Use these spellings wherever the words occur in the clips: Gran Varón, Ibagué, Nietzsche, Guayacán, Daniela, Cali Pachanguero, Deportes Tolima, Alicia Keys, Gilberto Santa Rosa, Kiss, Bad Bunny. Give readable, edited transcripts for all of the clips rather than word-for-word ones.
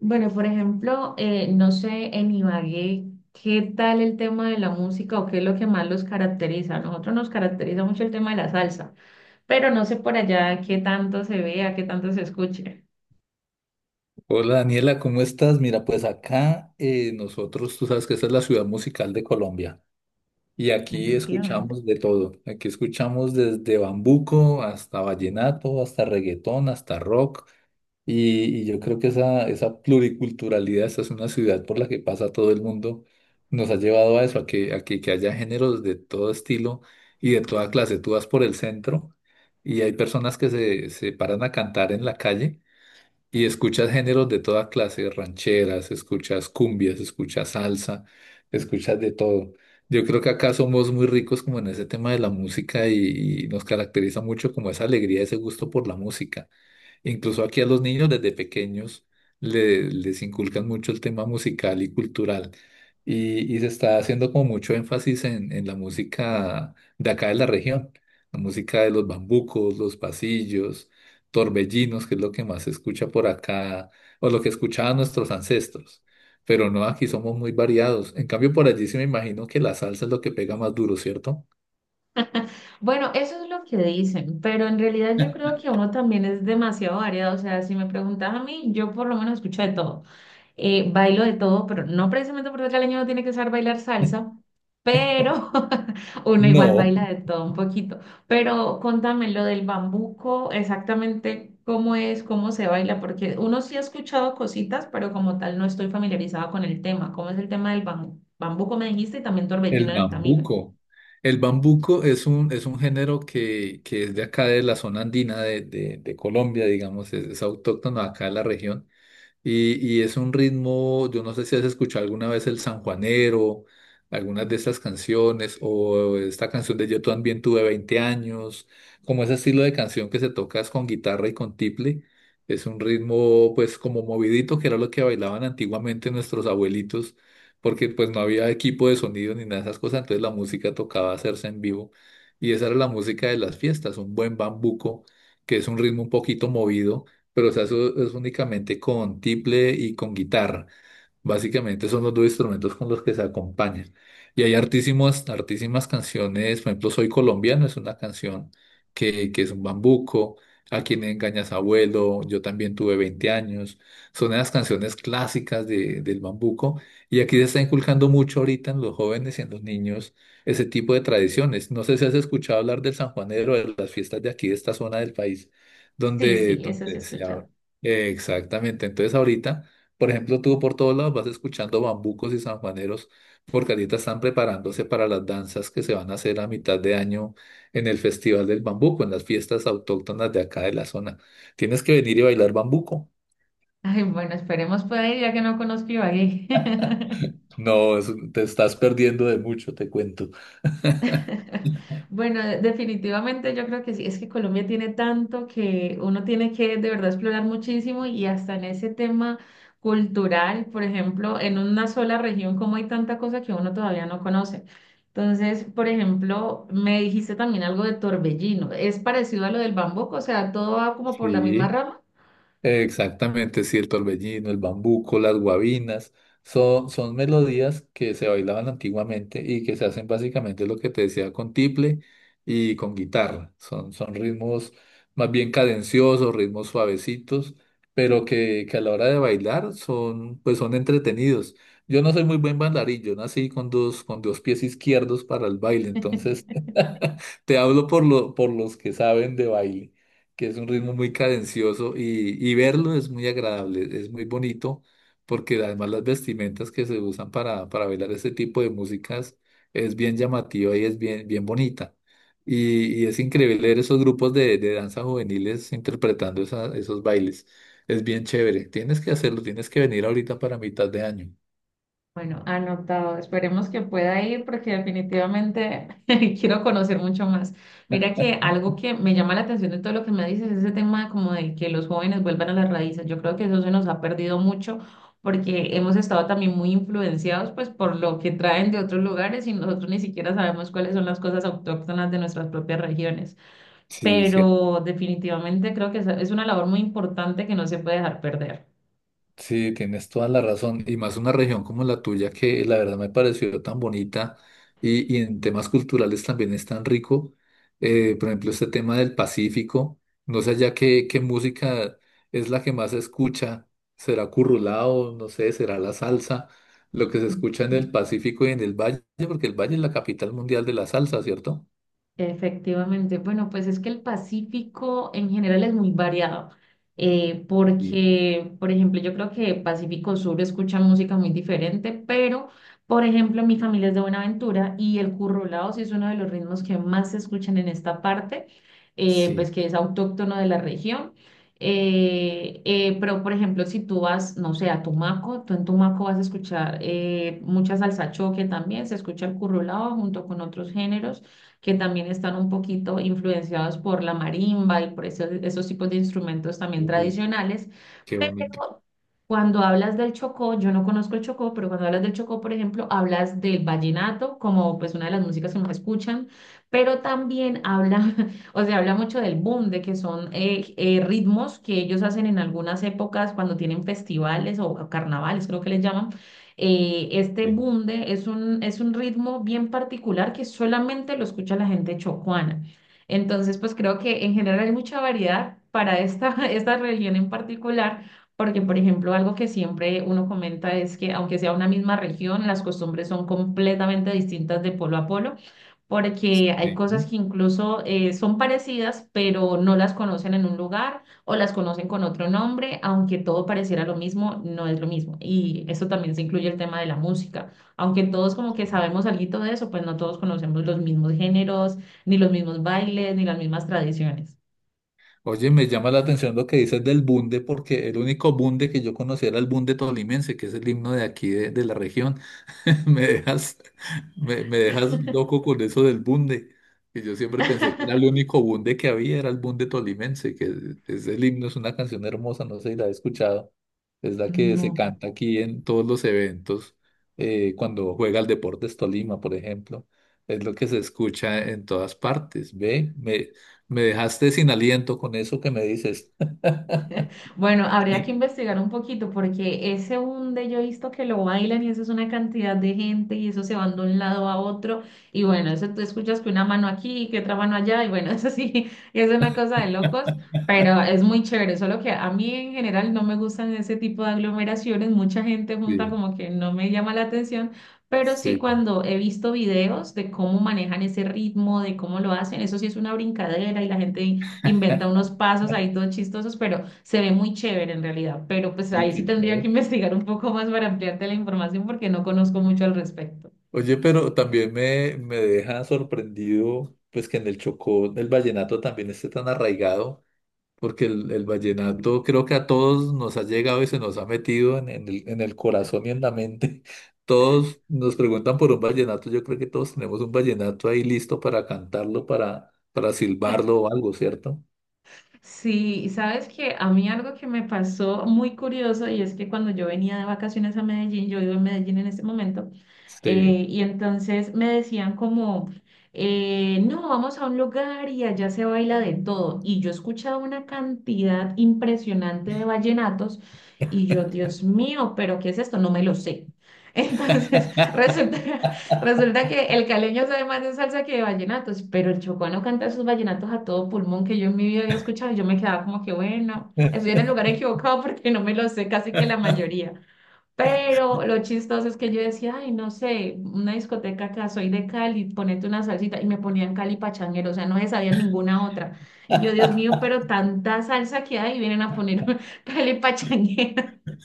Bueno, por ejemplo, no sé en Ibagué qué tal el tema de la música o qué es lo que más los caracteriza. A nosotros nos caracteriza mucho el tema de la salsa, pero no sé por allá qué tanto se vea, qué tanto se escuche. Hola Daniela, ¿cómo estás? Mira, pues acá nosotros, tú sabes que esta es la ciudad musical de Colombia y aquí Efectivamente. escuchamos de todo. Aquí escuchamos desde bambuco hasta vallenato, hasta reggaetón, hasta rock y yo creo que esa pluriculturalidad, esta es una ciudad por la que pasa todo el mundo, nos ha llevado a eso, a que haya géneros de todo estilo y de toda clase. Tú vas por el centro y hay personas que se paran a cantar en la calle y escuchas géneros de toda clase, rancheras, escuchas cumbias, escuchas salsa, escuchas de todo. Yo creo que acá somos muy ricos como en ese tema de la música y nos caracteriza mucho como esa alegría, ese gusto por la música. Incluso aquí a los niños desde pequeños les inculcan mucho el tema musical y cultural. Y se está haciendo como mucho énfasis en la música de acá de la región, la música de los bambucos, los pasillos, torbellinos, que es lo que más se escucha por acá, o lo que escuchaban nuestros ancestros. Pero no, aquí somos muy variados. En cambio, por allí sí me imagino que la salsa es lo que pega más duro, ¿cierto? Bueno, eso es lo que dicen, pero en realidad yo creo que uno también es demasiado variado. O sea, si me preguntas a mí, yo por lo menos escucho de todo. Bailo de todo, pero no precisamente porque el caleño no tiene que saber bailar salsa, pero uno igual No, baila de todo un poquito. Pero contame lo del bambuco, exactamente cómo es, cómo se baila, porque uno sí ha escuchado cositas, pero como tal no estoy familiarizada con el tema. ¿Cómo es el tema del bambuco? Bambuco me dijiste y también torbellino el en el camino. bambuco. El bambuco es un género que es de acá de la zona andina de Colombia, digamos, es autóctono acá de la región. Y es un ritmo, yo no sé si has escuchado alguna vez el sanjuanero, algunas de estas canciones, o esta canción de Yo también tuve 20 años, como ese estilo de canción que se toca es con guitarra y con tiple. Es un ritmo pues como movidito, que era lo que bailaban antiguamente nuestros abuelitos, porque pues no había equipo de sonido ni nada de esas cosas, entonces la música tocaba hacerse en vivo. Y esa era la música de las fiestas, un buen bambuco, que es un ritmo un poquito movido pero se hace es únicamente con tiple y con guitarra. Básicamente son los dos instrumentos con los que se acompañan. Y hay hartísimas, hartísimas canciones, por ejemplo, Soy colombiano es una canción que es un bambuco, A quien engañas abuelo, yo también tuve 20 años. Son las canciones clásicas del bambuco. Y aquí se está inculcando mucho ahorita en los jóvenes y en los niños ese tipo de tradiciones. No sé si has escuchado hablar del San Juanero, de las fiestas de aquí, de esta zona del país, Sí, donde, sí, eso sí he donde se escuchado. habla. Exactamente. Entonces ahorita. Por ejemplo, tú por todos lados vas escuchando bambucos y sanjuaneros porque ahorita están preparándose para las danzas que se van a hacer a mitad de año en el Festival del Bambuco, en las fiestas autóctonas de acá de la zona. Tienes que venir y bailar bambuco. Ay, bueno, esperemos pueda ir ya que no conozco Ibagué. No, te estás perdiendo de mucho, te cuento. Bueno, definitivamente yo creo que sí, es que Colombia tiene tanto que uno tiene que de verdad explorar muchísimo y hasta en ese tema cultural, por ejemplo, en una sola región, como hay tanta cosa que uno todavía no conoce. Entonces, por ejemplo, me dijiste también algo de Torbellino, ¿es parecido a lo del Bambuco? O sea, todo va como por la misma Sí. rama. Exactamente, sí, el torbellino, el bambuco, las guabinas, son, son melodías que se bailaban antiguamente y que se hacen básicamente lo que te decía con tiple y con guitarra. Son, son ritmos más bien cadenciosos, ritmos suavecitos, pero que a la hora de bailar son, pues son entretenidos. Yo no soy muy buen bailarín, yo nací con dos pies izquierdos para el baile, entonces te hablo por los que saben de baile que es un ritmo muy cadencioso y verlo es muy agradable, es muy bonito, porque además las vestimentas que se usan para bailar este tipo de músicas es bien llamativa y es bien, bien bonita. Y es increíble ver esos grupos de danza juveniles interpretando esos bailes. Es bien chévere. Tienes que hacerlo, tienes que venir ahorita para mitad de año. Bueno, anotado. Esperemos que pueda ir porque definitivamente quiero conocer mucho más. Mira que algo que me llama la atención de todo lo que me dices es ese tema como de que los jóvenes vuelvan a las raíces. Yo creo que eso se nos ha perdido mucho porque hemos estado también muy influenciados pues por lo que traen de otros lugares y nosotros ni siquiera sabemos cuáles son las cosas autóctonas de nuestras propias regiones. Sí, sí. Pero definitivamente creo que es una labor muy importante que no se puede dejar perder. Sí, tienes toda la razón. Y más una región como la tuya, que la verdad me pareció tan bonita y en temas culturales también es tan rico. Por ejemplo, este tema del Pacífico. No sé ya qué música es la que más se escucha. ¿Será currulao? No sé, será la salsa. Lo que se escucha en el Pacífico y en el Valle, porque el Valle es la capital mundial de la salsa, ¿cierto? Efectivamente, bueno, pues es que el Pacífico en general es muy variado, Sí, porque, por ejemplo, yo creo que Pacífico Sur escucha música muy diferente, pero, por ejemplo, mi familia es de Buenaventura y el currulao sí es uno de los ritmos que más se escuchan en esta parte, pues sí. que es autóctono de la región. Pero, por ejemplo, si tú vas, no sé, a Tumaco, tú en Tumaco vas a escuchar mucha salsa choque también, se escucha el currulao junto con otros géneros que también están un poquito influenciados por la marimba y por esos tipos de instrumentos también Ujú. tradicionales. Qué bonito. Pero cuando hablas del Chocó, yo no conozco el Chocó, pero cuando hablas del Chocó, por ejemplo, hablas del vallenato como pues una de las músicas que más escuchan, pero también habla, o sea, habla mucho del boom, de que son ritmos que ellos hacen en algunas épocas cuando tienen festivales o carnavales, creo que les llaman este Sí, bunde es es un ritmo bien particular que solamente lo escucha la gente chocuana. Entonces, pues creo que en general hay mucha variedad para esta región en particular, porque, por ejemplo, algo que siempre uno comenta es que aunque sea una misma región, las costumbres son completamente distintas de polo a polo porque hay sí. cosas que incluso son parecidas, pero no las conocen en un lugar o las conocen con otro nombre, aunque todo pareciera lo mismo, no es lo mismo. Y eso también se incluye el tema de la música. Aunque todos como que sabemos algo de eso, pues no todos conocemos los mismos géneros, ni los mismos bailes, ni las mismas tradiciones. Oye, me llama la atención lo que dices del bunde, porque el único bunde que yo conocía era el bunde tolimense, que es el himno de aquí, de la región. Me dejas, me dejas loco con eso del bunde, que yo siempre pensé que era el único bunde que había, era el bunde tolimense, que es el himno, es una canción hermosa, no sé si la has escuchado. Es la que se No. canta aquí en todos los eventos, cuando juega el Deportes Tolima, por ejemplo. Es lo que se escucha en todas partes, ¿ve? Me dejaste sin aliento con eso que me dices. Bueno, habría que investigar un poquito porque ese hunde yo he visto que lo bailan y eso es una cantidad de gente y eso se van de un lado a otro y bueno, eso tú escuchas que una mano aquí y que otra mano allá y bueno, eso sí, es una cosa de locos, pero es muy chévere, solo que a mí en general no me gustan ese tipo de aglomeraciones, mucha gente junta Sí, como que no me llama la atención. Pero sí, sí. cuando he visto videos de cómo manejan ese ritmo, de cómo lo hacen, eso sí es una brincadera y la gente inventa unos pasos ahí todos chistosos, pero se ve muy chévere en realidad. Pero pues Uy, ahí sí qué tendría que chévere. investigar un poco más para ampliarte la información porque no conozco mucho al respecto. Oye, pero también me deja sorprendido, pues que en el Chocó el vallenato también esté tan arraigado, porque el vallenato creo que a todos nos ha llegado y se nos ha metido en el corazón y en la mente. Todos nos preguntan por un vallenato, yo creo que todos tenemos un vallenato ahí listo para cantarlo, para silbarlo o algo, ¿cierto? Sí, y sabes que a mí algo que me pasó muy curioso y es que cuando yo venía de vacaciones a Medellín, yo vivo en Medellín en este momento, Sí. y entonces me decían como, no, vamos a un lugar y allá se baila de todo. Y yo escuchaba una cantidad impresionante de vallenatos y yo, Dios mío, pero ¿qué es esto? No me lo sé. Entonces, resulta resulta que el caleño sabe más de salsa que de vallenatos, pero el chocoano canta sus vallenatos a todo pulmón que yo en mi vida había escuchado y yo me quedaba como que bueno, estoy en el lugar equivocado porque no me lo sé casi que la mayoría. Pero lo chistoso es que yo decía, ay, no sé, una discoteca acá, soy de Cali, ponete una salsita y me ponían Cali Pachanguero, o sea, no se sabía ninguna otra. Y yo, Dios mío, pero tanta salsa que hay, vienen a poner Cali Pachanguero.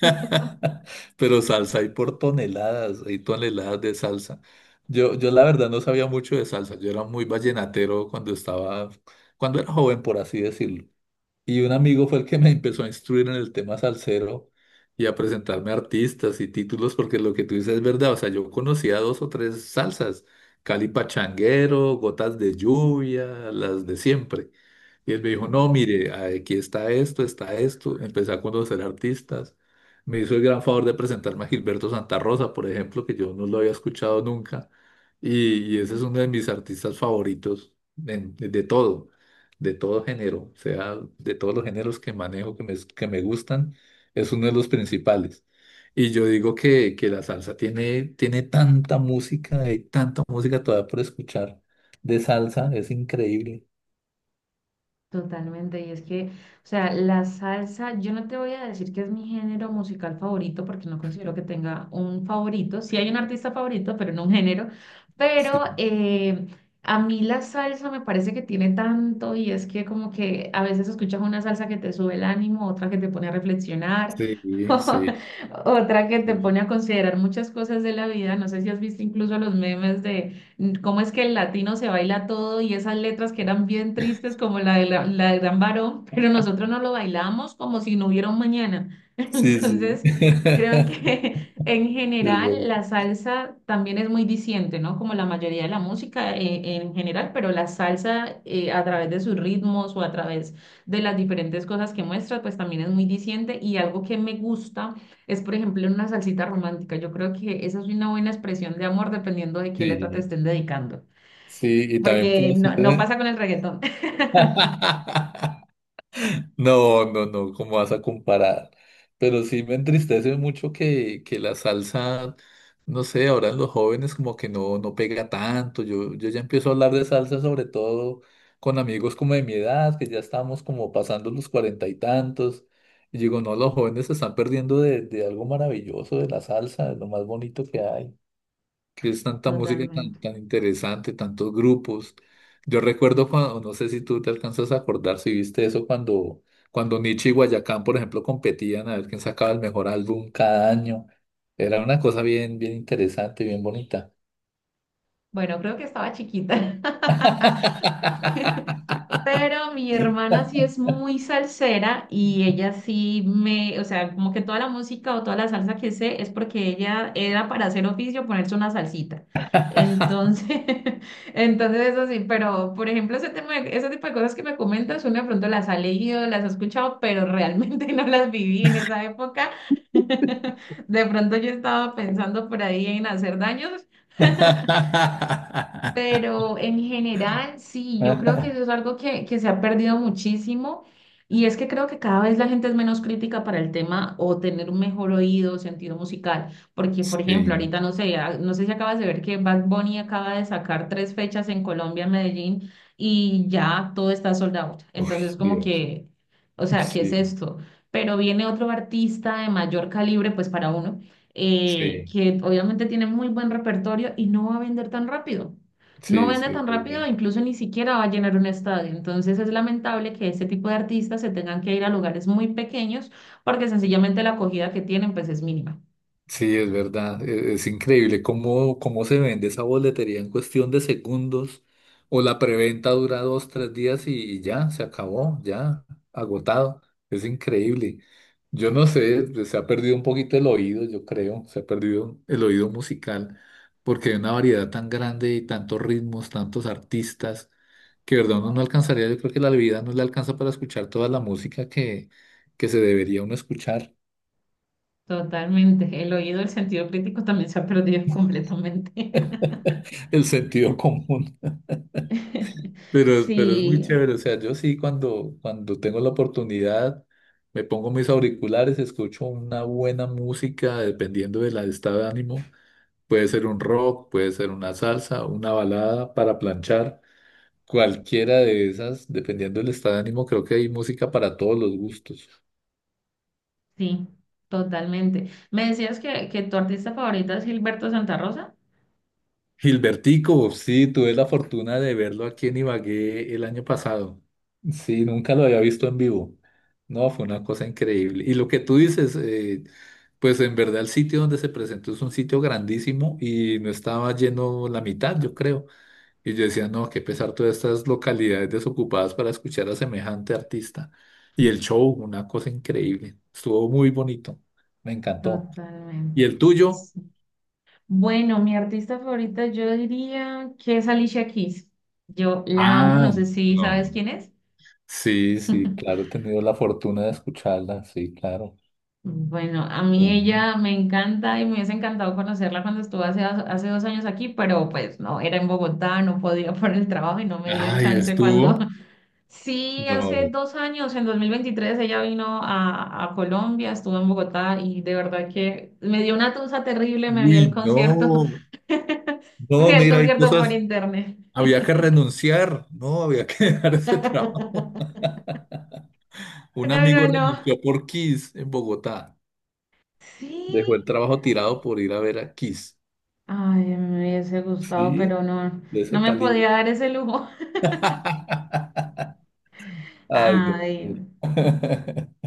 Pero salsa hay por toneladas, hay toneladas de salsa. Yo la verdad no sabía mucho de salsa, yo era muy vallenatero cuando estaba, cuando era joven, por así decirlo. Y un amigo fue el que me empezó a instruir en el tema salsero y a presentarme artistas y títulos, porque lo que tú dices es verdad, o sea, yo conocía dos o tres salsas, Cali Pachanguero, Gotas de Lluvia, las de siempre. Y él me dijo, no, mire, aquí está esto, está esto. Empecé a conocer artistas. Me hizo el gran favor de presentarme a Gilberto Santa Rosa, por ejemplo, que yo no lo había escuchado nunca. Y ese es uno de mis artistas favoritos de todo, de todo género. O sea, de todos los géneros que manejo, que me gustan, es uno de los principales. Y yo digo que la salsa tiene tanta música, hay tanta música todavía por escuchar de salsa, es increíble. Totalmente, y es que, o sea, la salsa, yo no te voy a decir que es mi género musical favorito, porque no considero que tenga un favorito. Sí hay un artista favorito, pero no un género. Pero Sí. eh, a mí la salsa me parece que tiene tanto, y es que como que a veces escuchas una salsa que te sube el ánimo, otra que te pone a reflexionar, Sí, sí, otra que te sí, pone a considerar muchas cosas de la vida. No sé si has visto incluso los memes de cómo es que el latino se baila todo y esas letras que eran bien tristes como la de Gran Varón, pero nosotros no lo bailamos como si no hubiera un mañana. sí, sí. Entonces, creo que en Es general verdad, la salsa también es muy diciente, ¿no? Como la mayoría de la música en general, pero la salsa a través de sus ritmos o a través de las diferentes cosas que muestra, pues también es muy diciente y algo que me gusta es, por ejemplo, una salsita romántica. Yo creo que esa es una buena expresión de amor dependiendo de sí, qué letra te estén dedicando, sí, y también porque puede no ser. pasa con el reggaetón. No, no, no, ¿cómo vas a comparar? Pero sí me entristece mucho que la salsa, no sé, ahora en los jóvenes como que no, no pega tanto. Yo ya empiezo a hablar de salsa sobre todo con amigos como de mi edad, que ya estamos como pasando los cuarenta y tantos. Y digo, no, los jóvenes se están perdiendo de algo maravilloso de la salsa, de lo más bonito que hay. Que es tanta música tan, Totalmente. tan interesante, tantos grupos. Yo recuerdo cuando, no sé si tú te alcanzas a acordar, si viste eso cuando, Nietzsche y Guayacán, por ejemplo, competían a ver quién sacaba el mejor álbum cada año. Era una cosa bien, bien interesante, bien bonita. Bueno, creo que estaba chiquita. Pero mi hermana sí es muy salsera y ella sí me, o sea, como que toda la música o toda la salsa que sé es porque ella era para hacer oficio ponerse una salsita. Entonces, entonces eso sí, pero por ejemplo, ese tema, ese tipo de cosas que me comentas, uno de pronto las ha leído, las ha escuchado, pero realmente no las viví en esa época. De pronto yo estaba pensando por ahí en hacer daños, pero en general, sí, yo creo que eso es algo que se ha perdido muchísimo y es que creo que cada vez la gente es menos crítica para el tema o tener un mejor oído, sentido musical, porque por ejemplo, Sí, ahorita no sé, no sé si acabas de ver que Bad Bunny acaba de sacar tres fechas en Colombia, en Medellín, y ya todo está sold out. uy, Entonces, como Dios. que, o sea, ¿qué es Sí, esto? Pero viene otro artista de mayor calibre, pues para uno, sí, que obviamente tiene muy buen repertorio y no va a vender tan rápido no sí, vende sí, tan es rápido, verdad. incluso ni siquiera va a llenar un estadio. Entonces es lamentable que este tipo de artistas se tengan que ir a lugares muy pequeños porque sencillamente la acogida que tienen pues es mínima. Sí, es verdad, es increíble cómo se vende esa boletería en cuestión de segundos o la preventa dura dos, tres días y ya, se acabó, ya, agotado, es increíble. Yo no sé, pues, se ha perdido un poquito el oído, yo creo, se ha perdido el oído musical porque hay una variedad tan grande y tantos ritmos, tantos artistas, que de verdad uno no alcanzaría, yo creo que la vida no le alcanza para escuchar toda la música que se debería uno escuchar, Totalmente. El oído, el sentido crítico también se ha perdido completamente. el sentido común. Pero es muy Sí, chévere, o sea, yo sí cuando tengo la oportunidad me pongo mis auriculares, escucho una buena música dependiendo del estado de ánimo. Puede ser un rock, puede ser una salsa, una balada para planchar, cualquiera de esas, dependiendo del estado de ánimo, creo que hay música para todos los gustos. sí, totalmente. Me decías que tu artista favorita es Gilberto Santa Rosa. Gilbertico, sí, tuve la fortuna de verlo aquí en Ibagué el año pasado. Sí, nunca lo había visto en vivo. No, fue una cosa increíble. Y lo que tú dices, pues en verdad el sitio donde se presentó es un sitio grandísimo y no estaba lleno la mitad, yo creo. Y yo decía, no, qué pesar todas estas localidades desocupadas para escuchar a semejante artista. Y el show, una cosa increíble. Estuvo muy bonito. Me encantó. Totalmente. ¿Y el tuyo? Bueno, mi artista favorita yo diría que es Alicia Keys. Yo la amo, Ah, no sé si sabes no. quién es. Sí, sí, claro, he tenido la fortuna de escucharla, sí, claro. Bueno, a mí Tremendo. ella me encanta y me hubiese encantado conocerla cuando estuvo hace dos años aquí, pero pues no, era en Bogotá, no podía por el trabajo y no me dio Ay, chance cuando... estuvo. Sí, hace No. 2 años, en 2023, ella vino a Colombia, estuvo en Bogotá y de verdad que me dio una tusa terrible, me vi el Uy, concierto, no. me vi No, el mira, hay concierto por cosas. internet. Había que renunciar, no, había que dejar ese trabajo. Un No, no, amigo no. renunció por Kiss en Bogotá. Sí. Dejó el trabajo tirado por ir a ver a Kiss. Ay, me hubiese gustado, Sí, pero no, de ese no me calibre. podía dar ese lujo. Ay, no. Ay.